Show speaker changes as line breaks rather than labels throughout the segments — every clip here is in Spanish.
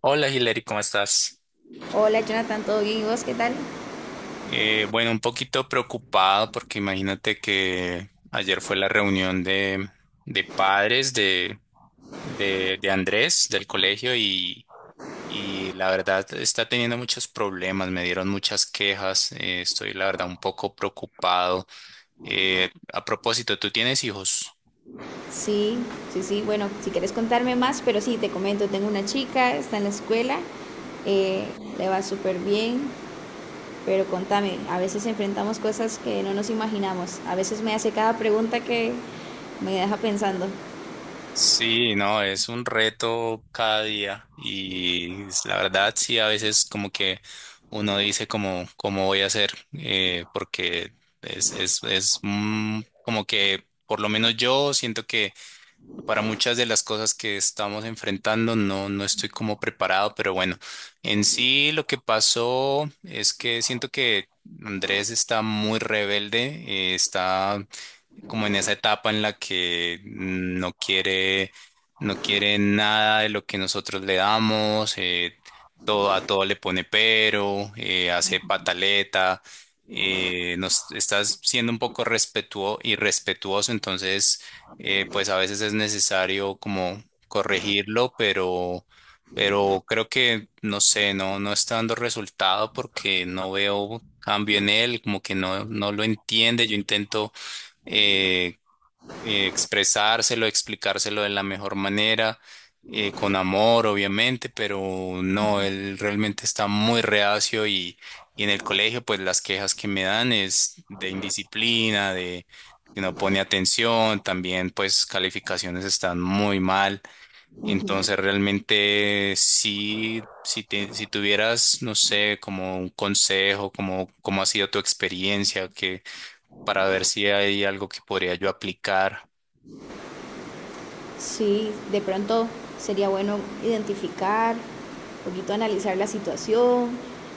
Hola Hilary, ¿cómo estás?
Hola Jonathan, ¿todo bien? ¿Y vos qué tal?
Bueno, un poquito preocupado porque imagínate que ayer fue la reunión de padres de Andrés del colegio y la verdad está teniendo muchos problemas, me dieron muchas quejas, estoy la verdad un poco preocupado. A propósito, ¿tú tienes hijos?
Sí, sí, sí. Bueno, si quieres contarme más, pero sí, te comento, tengo una chica, está en la escuela, eh, le va súper bien, pero contame, a veces enfrentamos cosas que no nos imaginamos. A veces me hace cada pregunta que me deja pensando.
Sí, no, es un reto cada día y. La verdad sí, a veces como que uno dice como cómo voy a hacer porque es como que por lo menos yo siento que para muchas de las cosas que estamos enfrentando no, no estoy como preparado, pero bueno, en sí lo que pasó es que siento que Andrés está muy rebelde, está como en esa etapa en la que no quiere nada de lo que nosotros le damos, todo, a todo le pone pero, hace pataleta, nos estás siendo un poco respetuoso y entonces pues a veces es necesario como corregirlo, pero creo que no sé, no, no está dando resultado porque no veo cambio en él, como que no, no lo entiende. Yo intento eh, expresárselo, explicárselo de la mejor manera, con amor, obviamente, pero no, él realmente está muy reacio y en el colegio, pues las quejas que me dan es de indisciplina, de que no pone atención, también pues calificaciones están muy mal. Entonces realmente sí, si tuvieras, no sé, como un consejo, como cómo ha sido tu experiencia, para ver si hay algo que podría yo aplicar.
Sí, de pronto sería bueno identificar, un poquito analizar la situación,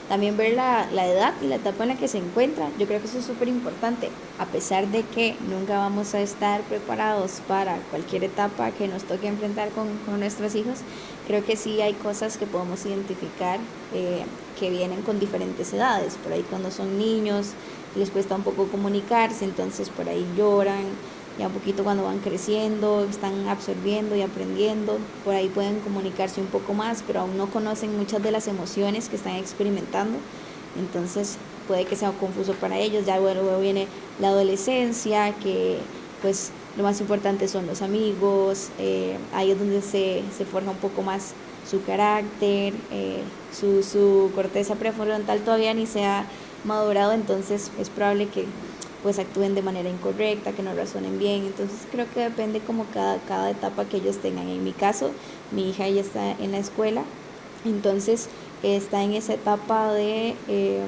también ver la edad y la etapa en la que se encuentra. Yo creo que eso es súper importante, a pesar de que nunca vamos a estar preparados para cualquier etapa que nos toque enfrentar con nuestros hijos, creo que sí hay cosas que podemos identificar, eh, que vienen con diferentes edades. Por ahí cuando son niños les cuesta un poco comunicarse, entonces por ahí lloran ya un poquito cuando van creciendo, están absorbiendo y aprendiendo, por ahí pueden comunicarse un poco más, pero aún no conocen muchas de las emociones que están experimentando, entonces puede que sea confuso para ellos, ya luego viene la adolescencia, que pues lo más importante son los amigos, ahí es donde forja un poco más su carácter, su corteza prefrontal todavía ni se ha madurado, entonces es probable que pues actúen de manera incorrecta, que no razonen bien. Entonces creo que depende como cada etapa que ellos tengan. En mi caso, mi hija ya está en la escuela, entonces está en esa etapa de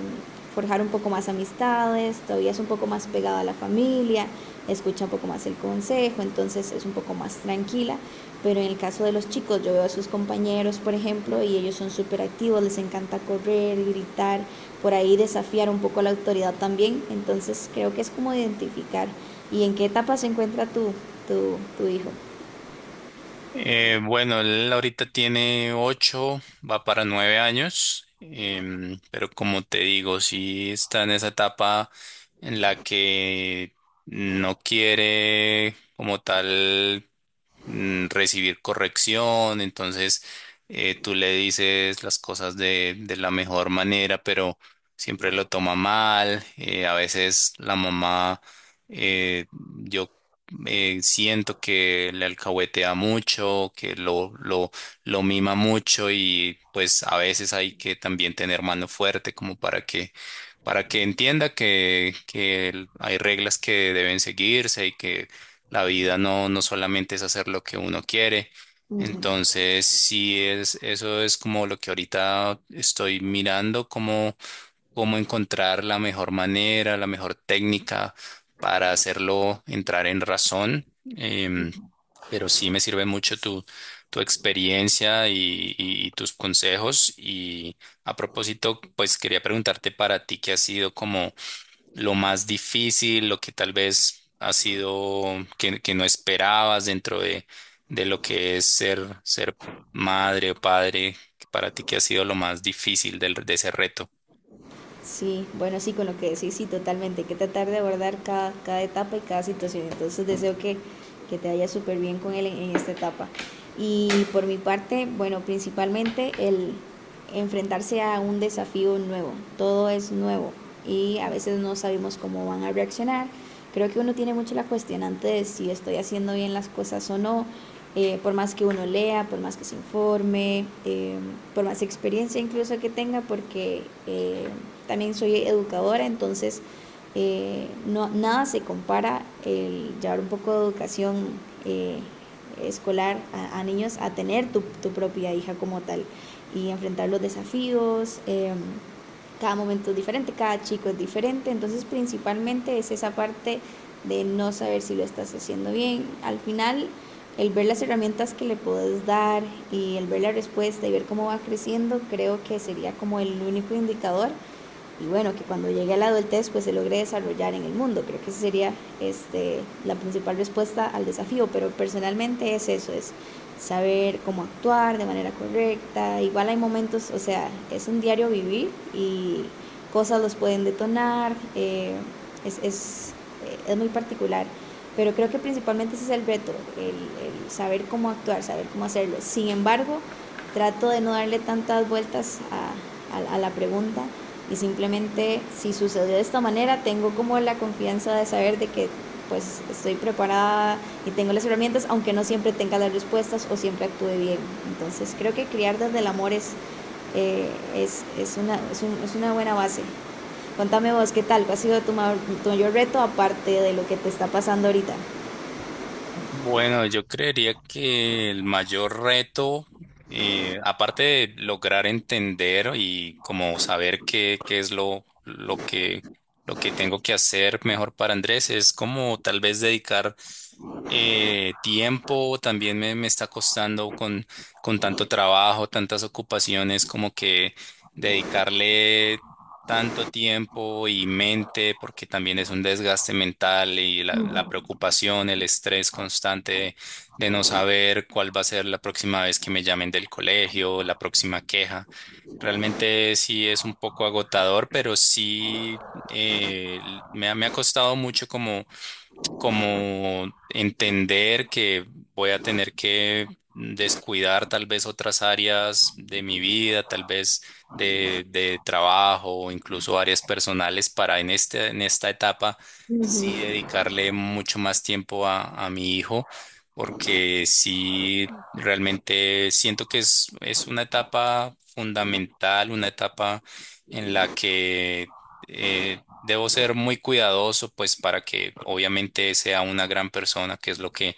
forjar un poco más amistades, todavía es un poco más pegada a la familia, escucha un poco más el consejo, entonces es un poco más tranquila. Pero en el caso de los chicos, yo veo a sus compañeros, por ejemplo, y ellos son súper activos, les encanta correr, gritar, por ahí desafiar un poco la autoridad también. Entonces creo que es como identificar y en qué etapa se encuentra tu hijo.
Bueno, él ahorita tiene ocho, va para nueve años, pero como te digo, sí está en esa etapa en la que no quiere como tal recibir corrección, entonces tú le dices las cosas de la mejor manera, pero siempre lo toma mal, a veces la mamá, yo siento que le alcahuetea mucho, lo mima mucho y pues a veces hay que también tener mano fuerte como para que entienda que hay reglas que deben seguirse y que la vida no, no solamente es hacer lo que uno quiere. Entonces, sí es, eso es como lo que ahorita estoy mirando, cómo encontrar la mejor manera, la mejor técnica para hacerlo entrar en razón. Em, pero sí me sirve mucho tu experiencia y tus consejos. Y a propósito, pues quería preguntarte para ti qué ha sido como lo más difícil, lo que tal vez ha sido que no esperabas dentro de lo que es ser madre o padre, para ti qué ha sido lo más difícil de ese reto.
Sí, bueno, sí, con lo que decís, sí, totalmente. Hay que tratar de abordar cada etapa y cada situación. Entonces deseo que te vaya súper bien con él en esta etapa. Y por mi parte, bueno, principalmente el enfrentarse a un desafío nuevo. Todo es nuevo y a veces no sabemos cómo van a reaccionar. Creo que uno tiene mucho la cuestionante de si estoy haciendo bien las cosas o no, por más que uno lea, por más que se informe, por más experiencia incluso que tenga, porque eh, también soy educadora, entonces, no, nada se compara el llevar un poco de educación, eh, escolar a niños, a tener propia hija como tal y enfrentar los desafíos. Cada momento es diferente, cada chico es diferente, entonces principalmente es esa parte de no saber si lo estás haciendo bien. Al final, el ver las herramientas que le puedes dar y el ver la respuesta y ver cómo va creciendo, creo que sería como el único indicador y bueno, que cuando llegue a la adultez pues se logre desarrollar en el mundo. Creo que esa sería, este, la principal respuesta al desafío, pero personalmente es eso, es saber cómo actuar de manera correcta. Igual hay momentos, o sea, es un diario vivir y cosas los pueden detonar. Es, es, es muy particular. Pero creo que principalmente ese es el reto, el saber cómo actuar, saber cómo hacerlo. Sin embargo, trato de no darle tantas vueltas a la pregunta y simplemente si sucedió de esta manera tengo como la confianza de saber de que pues estoy preparada y tengo las herramientas, aunque no siempre tenga las respuestas o siempre actúe bien. Entonces creo que criar desde el amor eh, es una buena base. Contame vos, ¿qué tal? ¿Cuál ha sido tu mayor, tu mayor reto aparte de lo que te está pasando ahorita?
Bueno, yo creería que el mayor reto, aparte de lograr entender y como saber qué es lo que tengo que hacer mejor para Andrés, es como tal vez dedicar tiempo. También me está costando con tanto trabajo, tantas ocupaciones, como que dedicarle tanto tiempo y mente, porque también es un desgaste mental y la preocupación, el estrés constante de no saber cuál va a ser la próxima vez que me llamen del colegio, la próxima queja. Realmente sí es un poco agotador, pero sí me ha costado mucho como entender que voy a tener que descuidar tal vez otras áreas de mi vida, tal vez de trabajo o incluso áreas personales para en este, en esta etapa
Uh
sí
-huh.
dedicarle mucho más tiempo a mi hijo. Porque sí, realmente siento que es una etapa fundamental, una etapa en la que debo ser muy cuidadoso, pues para que obviamente sea una gran persona, que es lo que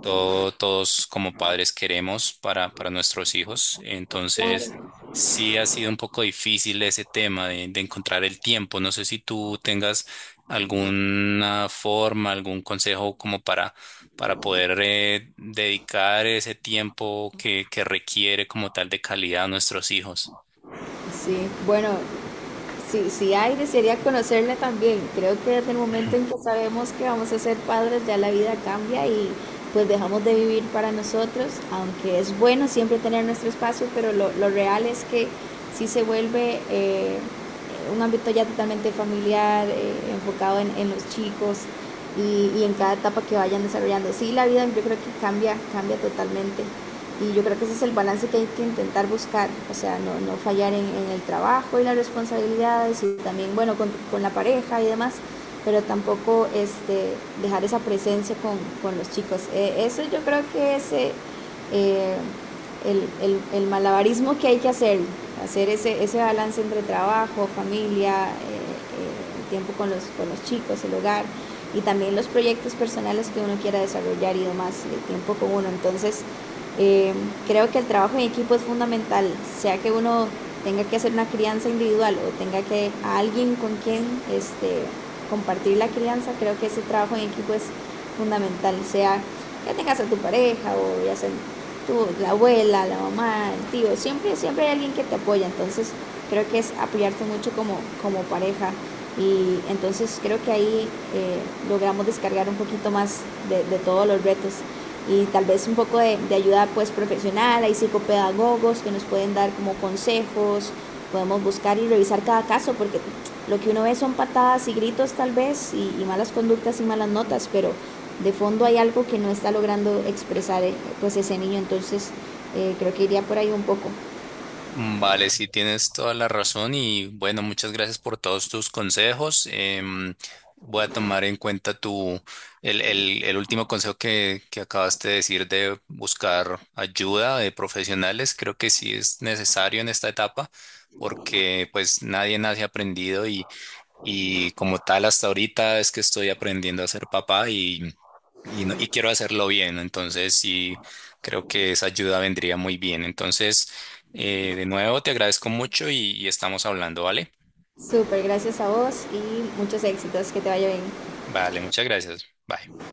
todos como padres queremos para nuestros hijos. Entonces,
Claro.
sí ha sido un poco difícil ese tema de encontrar el tiempo. No sé si tú tengas alguna forma, algún consejo como para poder dedicar ese tiempo que requiere como tal de calidad a nuestros hijos.
Sí, bueno, si hay, desearía conocerle también. Creo que desde el momento en que sabemos que vamos a ser padres, ya la vida cambia y pues dejamos de vivir para nosotros, aunque es bueno siempre tener nuestro espacio, pero lo real es que sí se vuelve, un ámbito ya totalmente familiar, enfocado en los chicos y en cada etapa que vayan desarrollando. Sí, la vida yo creo que cambia, cambia totalmente. Y yo creo que ese es el balance que hay que intentar buscar, o sea, no, no fallar en el trabajo y las responsabilidades y también, bueno, con la pareja y demás, pero tampoco, este, dejar esa presencia con los chicos. Eso yo creo que es, eh, el malabarismo que hay que hacer, hacer ese balance entre trabajo, familia, el tiempo con con los chicos, el hogar y también los proyectos personales que uno quiera desarrollar y demás, el tiempo con uno. Entonces, eh, creo que el trabajo en equipo es fundamental, sea que uno tenga que hacer una crianza individual o tenga que a alguien con quien, este, compartir la crianza, creo que ese trabajo en equipo es fundamental, sea que tengas a tu pareja o ya sea tu, la abuela, la mamá, el tío, siempre, siempre hay alguien que te apoya, entonces creo que es apoyarse mucho como, como pareja y entonces creo que ahí, eh, logramos descargar un poquito más de todos los retos y tal vez un poco de ayuda pues profesional, hay psicopedagogos que nos pueden dar como consejos, podemos buscar y revisar cada caso porque lo que uno ve son patadas y gritos tal vez y malas conductas y malas notas, pero de fondo hay algo que no está logrando expresar, pues ese niño, entonces creo que iría por ahí un poco.
Mm, vale, sí, tienes toda la razón y bueno, muchas gracias por todos tus consejos. Voy a tomar en cuenta el último consejo que acabaste de decir de buscar ayuda de profesionales. Creo que sí es necesario en esta etapa porque pues nadie nace aprendido y como tal, hasta ahorita es que estoy aprendiendo a ser papá y quiero hacerlo bien. ¿No? Entonces, sí, creo que esa ayuda vendría muy bien. Entonces, de nuevo, te agradezco mucho y estamos hablando, ¿vale?
Súper, gracias a vos y muchos éxitos, que te vaya bien.
Vale, muchas gracias. Bye.